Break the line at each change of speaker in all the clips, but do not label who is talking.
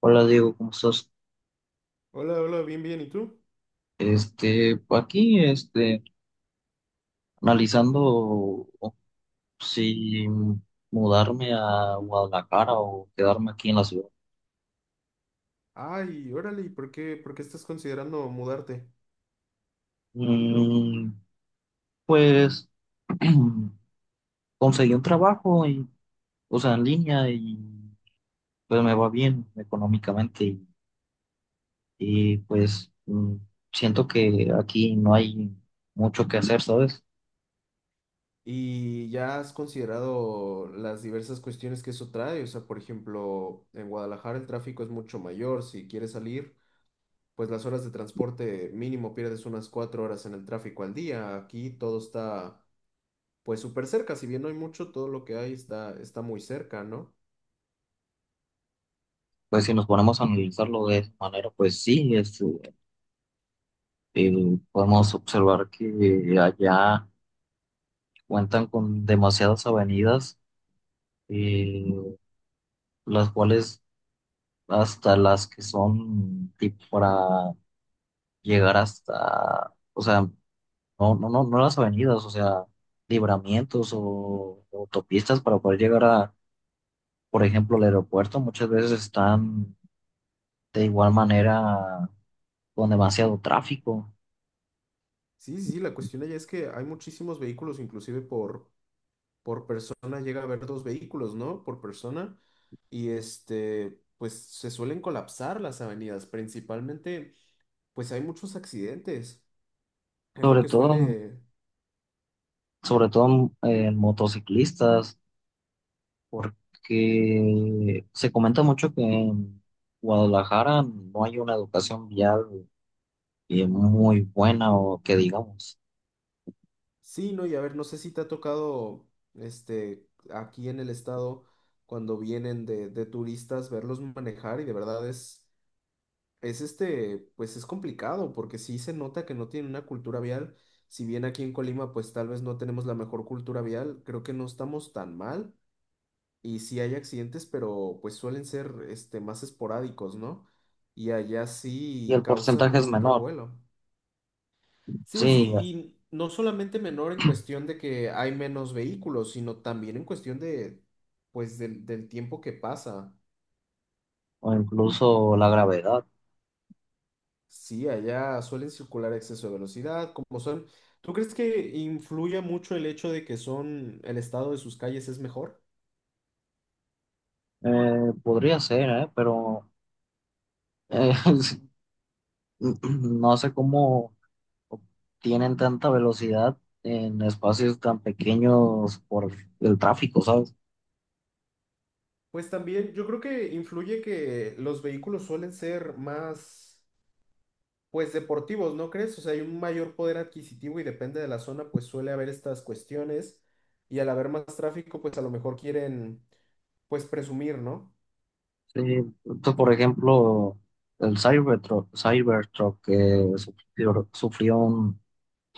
Hola Diego, ¿cómo estás?
Hola, hola, bien, bien, ¿y tú?
Pues aquí, analizando si mudarme a Guadalajara o quedarme aquí en la ciudad.
Ay, órale, ¿y por qué estás considerando mudarte?
Mm, pues conseguí un trabajo y, o sea, en línea y pues me va bien económicamente y, pues siento que aquí no hay mucho que hacer, ¿sabes?
¿Y ya has considerado las diversas cuestiones que eso trae? O sea, por ejemplo, en Guadalajara el tráfico es mucho mayor, si quieres salir, pues las horas de transporte mínimo pierdes unas 4 horas en el tráfico al día. Aquí todo está pues súper cerca, si bien no hay mucho, todo lo que hay está muy cerca, ¿no?
Pues si nos ponemos a analizarlo de esa manera, pues sí, es. eh, Podemos observar que allá cuentan con demasiadas avenidas, eh, las cuales hasta las que son tipo para llegar hasta, o sea, no, las avenidas, o sea, libramientos o autopistas para poder llegar a, por ejemplo, al aeropuerto, muchas veces están de igual manera con demasiado tráfico,
Sí, sí, sí, la cuestión allá es que hay muchísimos vehículos, inclusive por persona llega a haber dos vehículos, ¿no? Por persona. Y este, pues se suelen colapsar las avenidas, principalmente, pues hay muchos accidentes. Es lo
sobre
que
todo,
suele.
sobre todo en motociclistas porque se comenta mucho que en Guadalajara no hay una educación vial muy buena o que digamos,
Sí, ¿no? Y a ver, no sé si te ha tocado, este, aquí en el estado, cuando vienen de turistas, verlos manejar y de verdad es. Es este, pues es complicado porque sí se nota que no tienen una cultura vial. Si bien aquí en Colima, pues tal vez no tenemos la mejor cultura vial, creo que no estamos tan mal. Y sí hay accidentes, pero pues suelen ser este, más esporádicos, ¿no? Y allá
y
sí
el
causan
porcentaje es
un
menor,
revuelo. Sí,
sí,
sí, y no solamente menor en cuestión de que hay menos vehículos, sino también en cuestión de, pues, del tiempo que pasa.
o incluso la gravedad.
Sí, allá suelen circular a exceso de velocidad, como son. ¿Tú crees que influye mucho el hecho de que son, el estado de sus calles es mejor?
Podría ser, ¿eh? Pero eh, no sé cómo tienen tanta velocidad en espacios tan pequeños por el tráfico, ¿sabes?
Pues también yo creo que influye que los vehículos suelen ser más pues deportivos, ¿no crees? O sea, hay un mayor poder adquisitivo y depende de la zona, pues suele haber estas cuestiones y al haber más tráfico, pues a lo mejor quieren, pues presumir, ¿no?
Sí, pues, por ejemplo, el Cybertruck que sufrió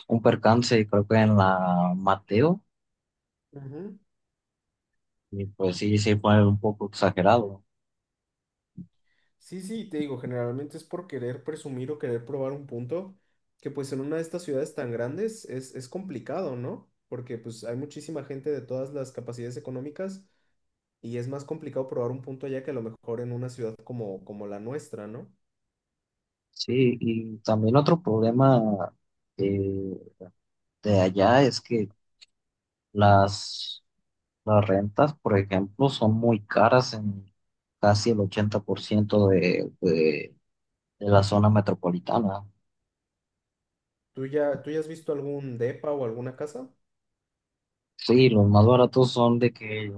un percance, creo que en la Mateo,
Ujú.
y pues sí, sí fue un poco exagerado.
Sí, sí, te digo, generalmente es por querer presumir o querer probar un punto que pues en una de estas ciudades tan grandes es complicado, ¿no? Porque pues hay muchísima gente de todas las capacidades económicas y es más complicado probar un punto allá que a lo mejor en una ciudad como, como la nuestra, ¿no?
Sí, y también otro problema eh, de allá es que las, las rentas, por ejemplo, son muy caras en casi el 80% de, de la zona metropolitana.
¿Tú ya has visto algún depa o alguna casa?
Sí, los más baratos son de que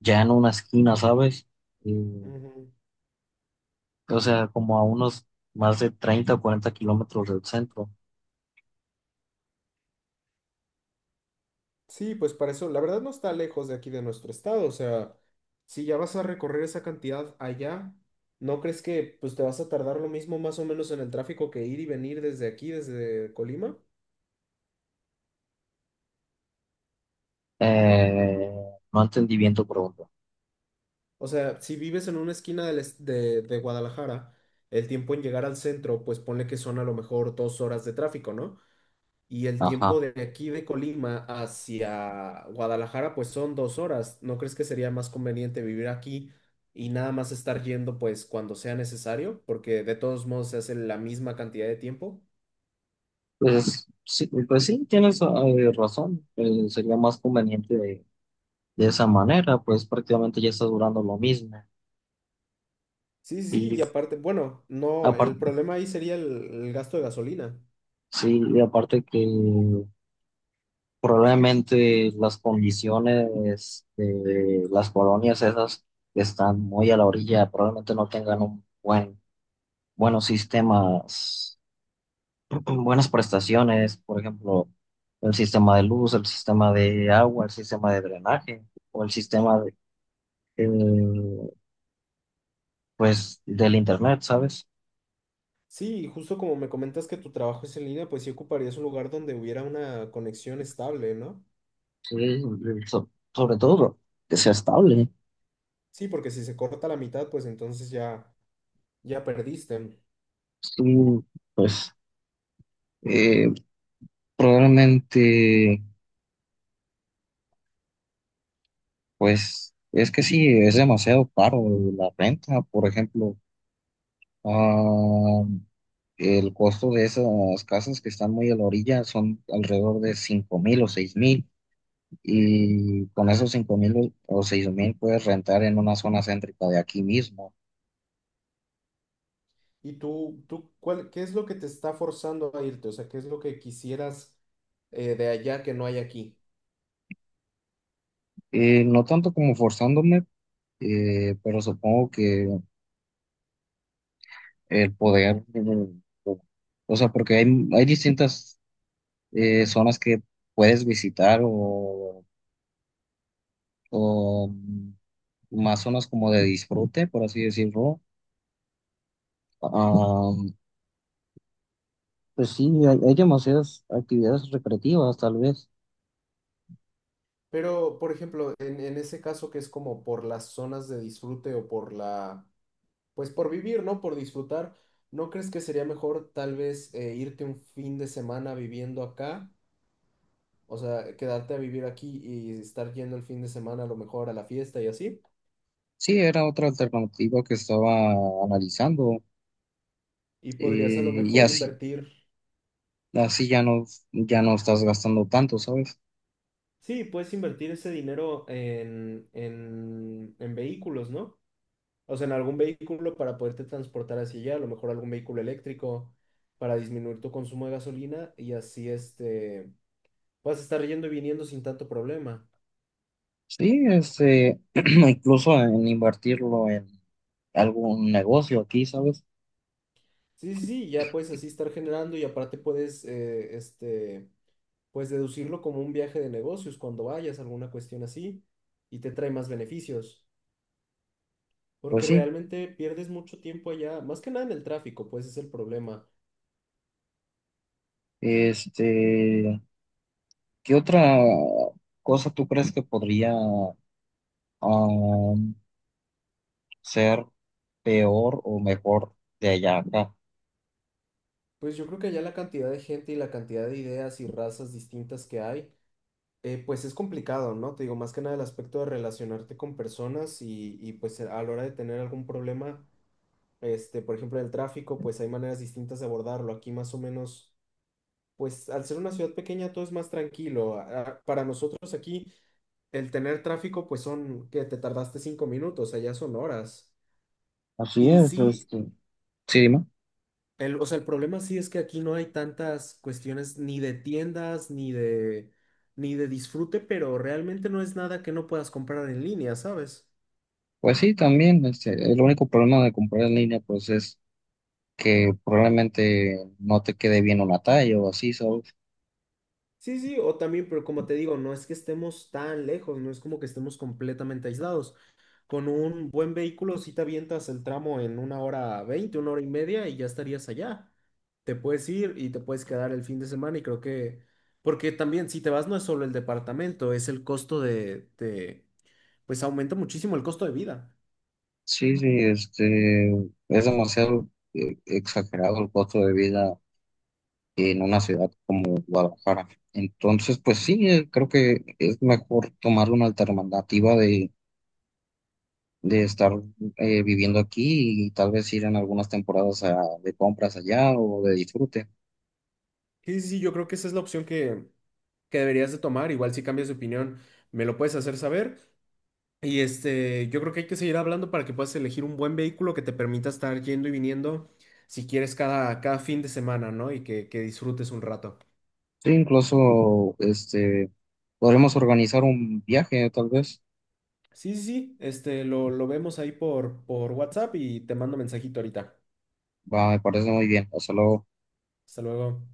ya en una esquina, ¿sabes? Y,
Ujú.
o sea, como a unos más de 30 o 40 kilómetros del centro.
Sí, pues para eso, la verdad no está lejos de aquí de nuestro estado, o sea, si ya vas a recorrer esa cantidad allá, ¿no crees que pues te vas a tardar lo mismo más o menos en el tráfico que ir y venir desde aquí, desde Colima?
Eh, no entendí bien tu pregunta.
O sea, si vives en una esquina de Guadalajara, el tiempo en llegar al centro, pues ponle que son a lo mejor 2 horas de tráfico, ¿no? Y el tiempo
Ajá.
de aquí de Colima hacia Guadalajara, pues son 2 horas. ¿No crees que sería más conveniente vivir aquí y nada más estar yendo pues cuando sea necesario? Porque de todos modos se hace la misma cantidad de tiempo.
Pues sí, tienes razón. Sería más conveniente de esa manera, pues prácticamente ya está durando lo mismo.
Sí, sí, sí,
Y
y aparte, bueno, no, el
aparte,
problema ahí sería el gasto de gasolina.
sí, y aparte que probablemente las condiciones de las colonias esas que están muy a la orilla probablemente no tengan un buen buenos sistemas, buenas prestaciones, por ejemplo, el sistema de luz, el sistema de agua, el sistema de drenaje o el sistema de, eh, pues, del internet, ¿sabes?
Sí, y justo como me comentas que tu trabajo es en línea, pues sí ocuparías un lugar donde hubiera una conexión estable, ¿no?
Sí, sobre todo que sea estable.
Sí, porque si se corta la mitad, pues entonces ya, ya perdiste.
Sí, pues eh, probablemente, pues es que sí, es demasiado caro la renta, por ejemplo. ah, El costo de esas casas que están muy a la orilla son alrededor de 5000 o 6000
Ujú.
y con esos 5000 o 6 mil puedes rentar en una zona céntrica de aquí mismo.
¿Y tú cuál, qué es lo que te está forzando a irte? O sea, ¿qué es lo que quisieras de allá que no hay aquí?
No tanto como forzándome, pero supongo que el poder, o sea, porque hay distintas zonas que puedes visitar o más zonas como de disfrute, por así decirlo. ah, Pues sí, hay demasiadas actividades recreativas, tal vez.
Pero, por ejemplo, en ese caso que es como por las zonas de disfrute o por la, pues por vivir, ¿no? Por disfrutar, ¿no crees que sería mejor tal vez irte un fin de semana viviendo acá? O sea, quedarte a vivir aquí y estar yendo el fin de semana a lo mejor a la fiesta y así.
Sí, era otra alternativa que estaba analizando
Y podrías a lo
y
mejor
así,
invertir.
así ya no, ya no estás gastando tanto, ¿sabes?
Sí, puedes invertir ese dinero en vehículos, ¿no? O sea, en algún vehículo para poderte transportar hacia allá, a lo mejor algún vehículo eléctrico para disminuir tu consumo de gasolina y así este, vas a estar yendo y viniendo sin tanto problema.
Sí, este, incluso en invertirlo en algún negocio aquí, ¿sabes?
Sí, sí, sí, ya puedes así estar generando y aparte puedes, este, pues deducirlo como un viaje de negocios cuando vayas, alguna cuestión así, y te trae más beneficios,
Pues
porque
sí,
realmente pierdes mucho tiempo allá, más que nada en el tráfico, pues es el problema.
este, ¿qué otra cosa tú crees que podría um, ser peor o mejor de allá a acá?
Pues yo creo que ya la cantidad de gente y la cantidad de ideas y razas distintas que hay, pues es complicado, ¿no? Te digo, más que nada el aspecto de relacionarte con personas y pues a la hora de tener algún problema, este, por ejemplo, el tráfico, pues hay maneras distintas de abordarlo. Aquí más o menos, pues al ser una ciudad pequeña todo es más tranquilo. Para nosotros aquí, el tener tráfico, pues son que te tardaste 5 minutos, allá son horas.
Así
Y
es,
sí,
este. Sí, dime.
el, o sea, el problema sí es que aquí no hay tantas cuestiones ni de tiendas, ni de disfrute, pero realmente no es nada que no puedas comprar en línea, ¿sabes?
Pues sí, también, este, el único problema de comprar en línea, pues es que probablemente no te quede bien una talla o así, ¿sabes?
Sí, sí, o también, pero como te digo, no es que estemos tan lejos, no es como que estemos completamente aislados. Con un buen vehículo, si te avientas el tramo en una hora veinte, una hora y media y ya estarías allá. Te puedes ir y te puedes quedar el fin de semana y creo que, porque también si te vas no es solo el departamento, es el costo pues aumenta muchísimo el costo de vida.
Sí, sí, este, es demasiado exagerado el costo de vida en una ciudad como Guadalajara. Entonces, pues sí, creo que es mejor tomar una alternativa de estar viviendo aquí y tal vez ir en algunas temporadas a- de compras allá o de disfrute.
Sí, sí, sí, yo creo que esa es la opción que deberías de tomar. Igual si cambias de opinión, me lo puedes hacer saber. Y este, yo creo que hay que seguir hablando para que puedas elegir un buen vehículo que te permita estar yendo y viniendo, si quieres, cada fin de semana, ¿no? Y que disfrutes un rato.
Sí, incluso este, podremos organizar un viaje, tal vez.
Sí, sí, sí, este, lo vemos ahí por WhatsApp y te mando mensajito ahorita.
Va, me parece muy bien. O sea, lo-
Hasta luego.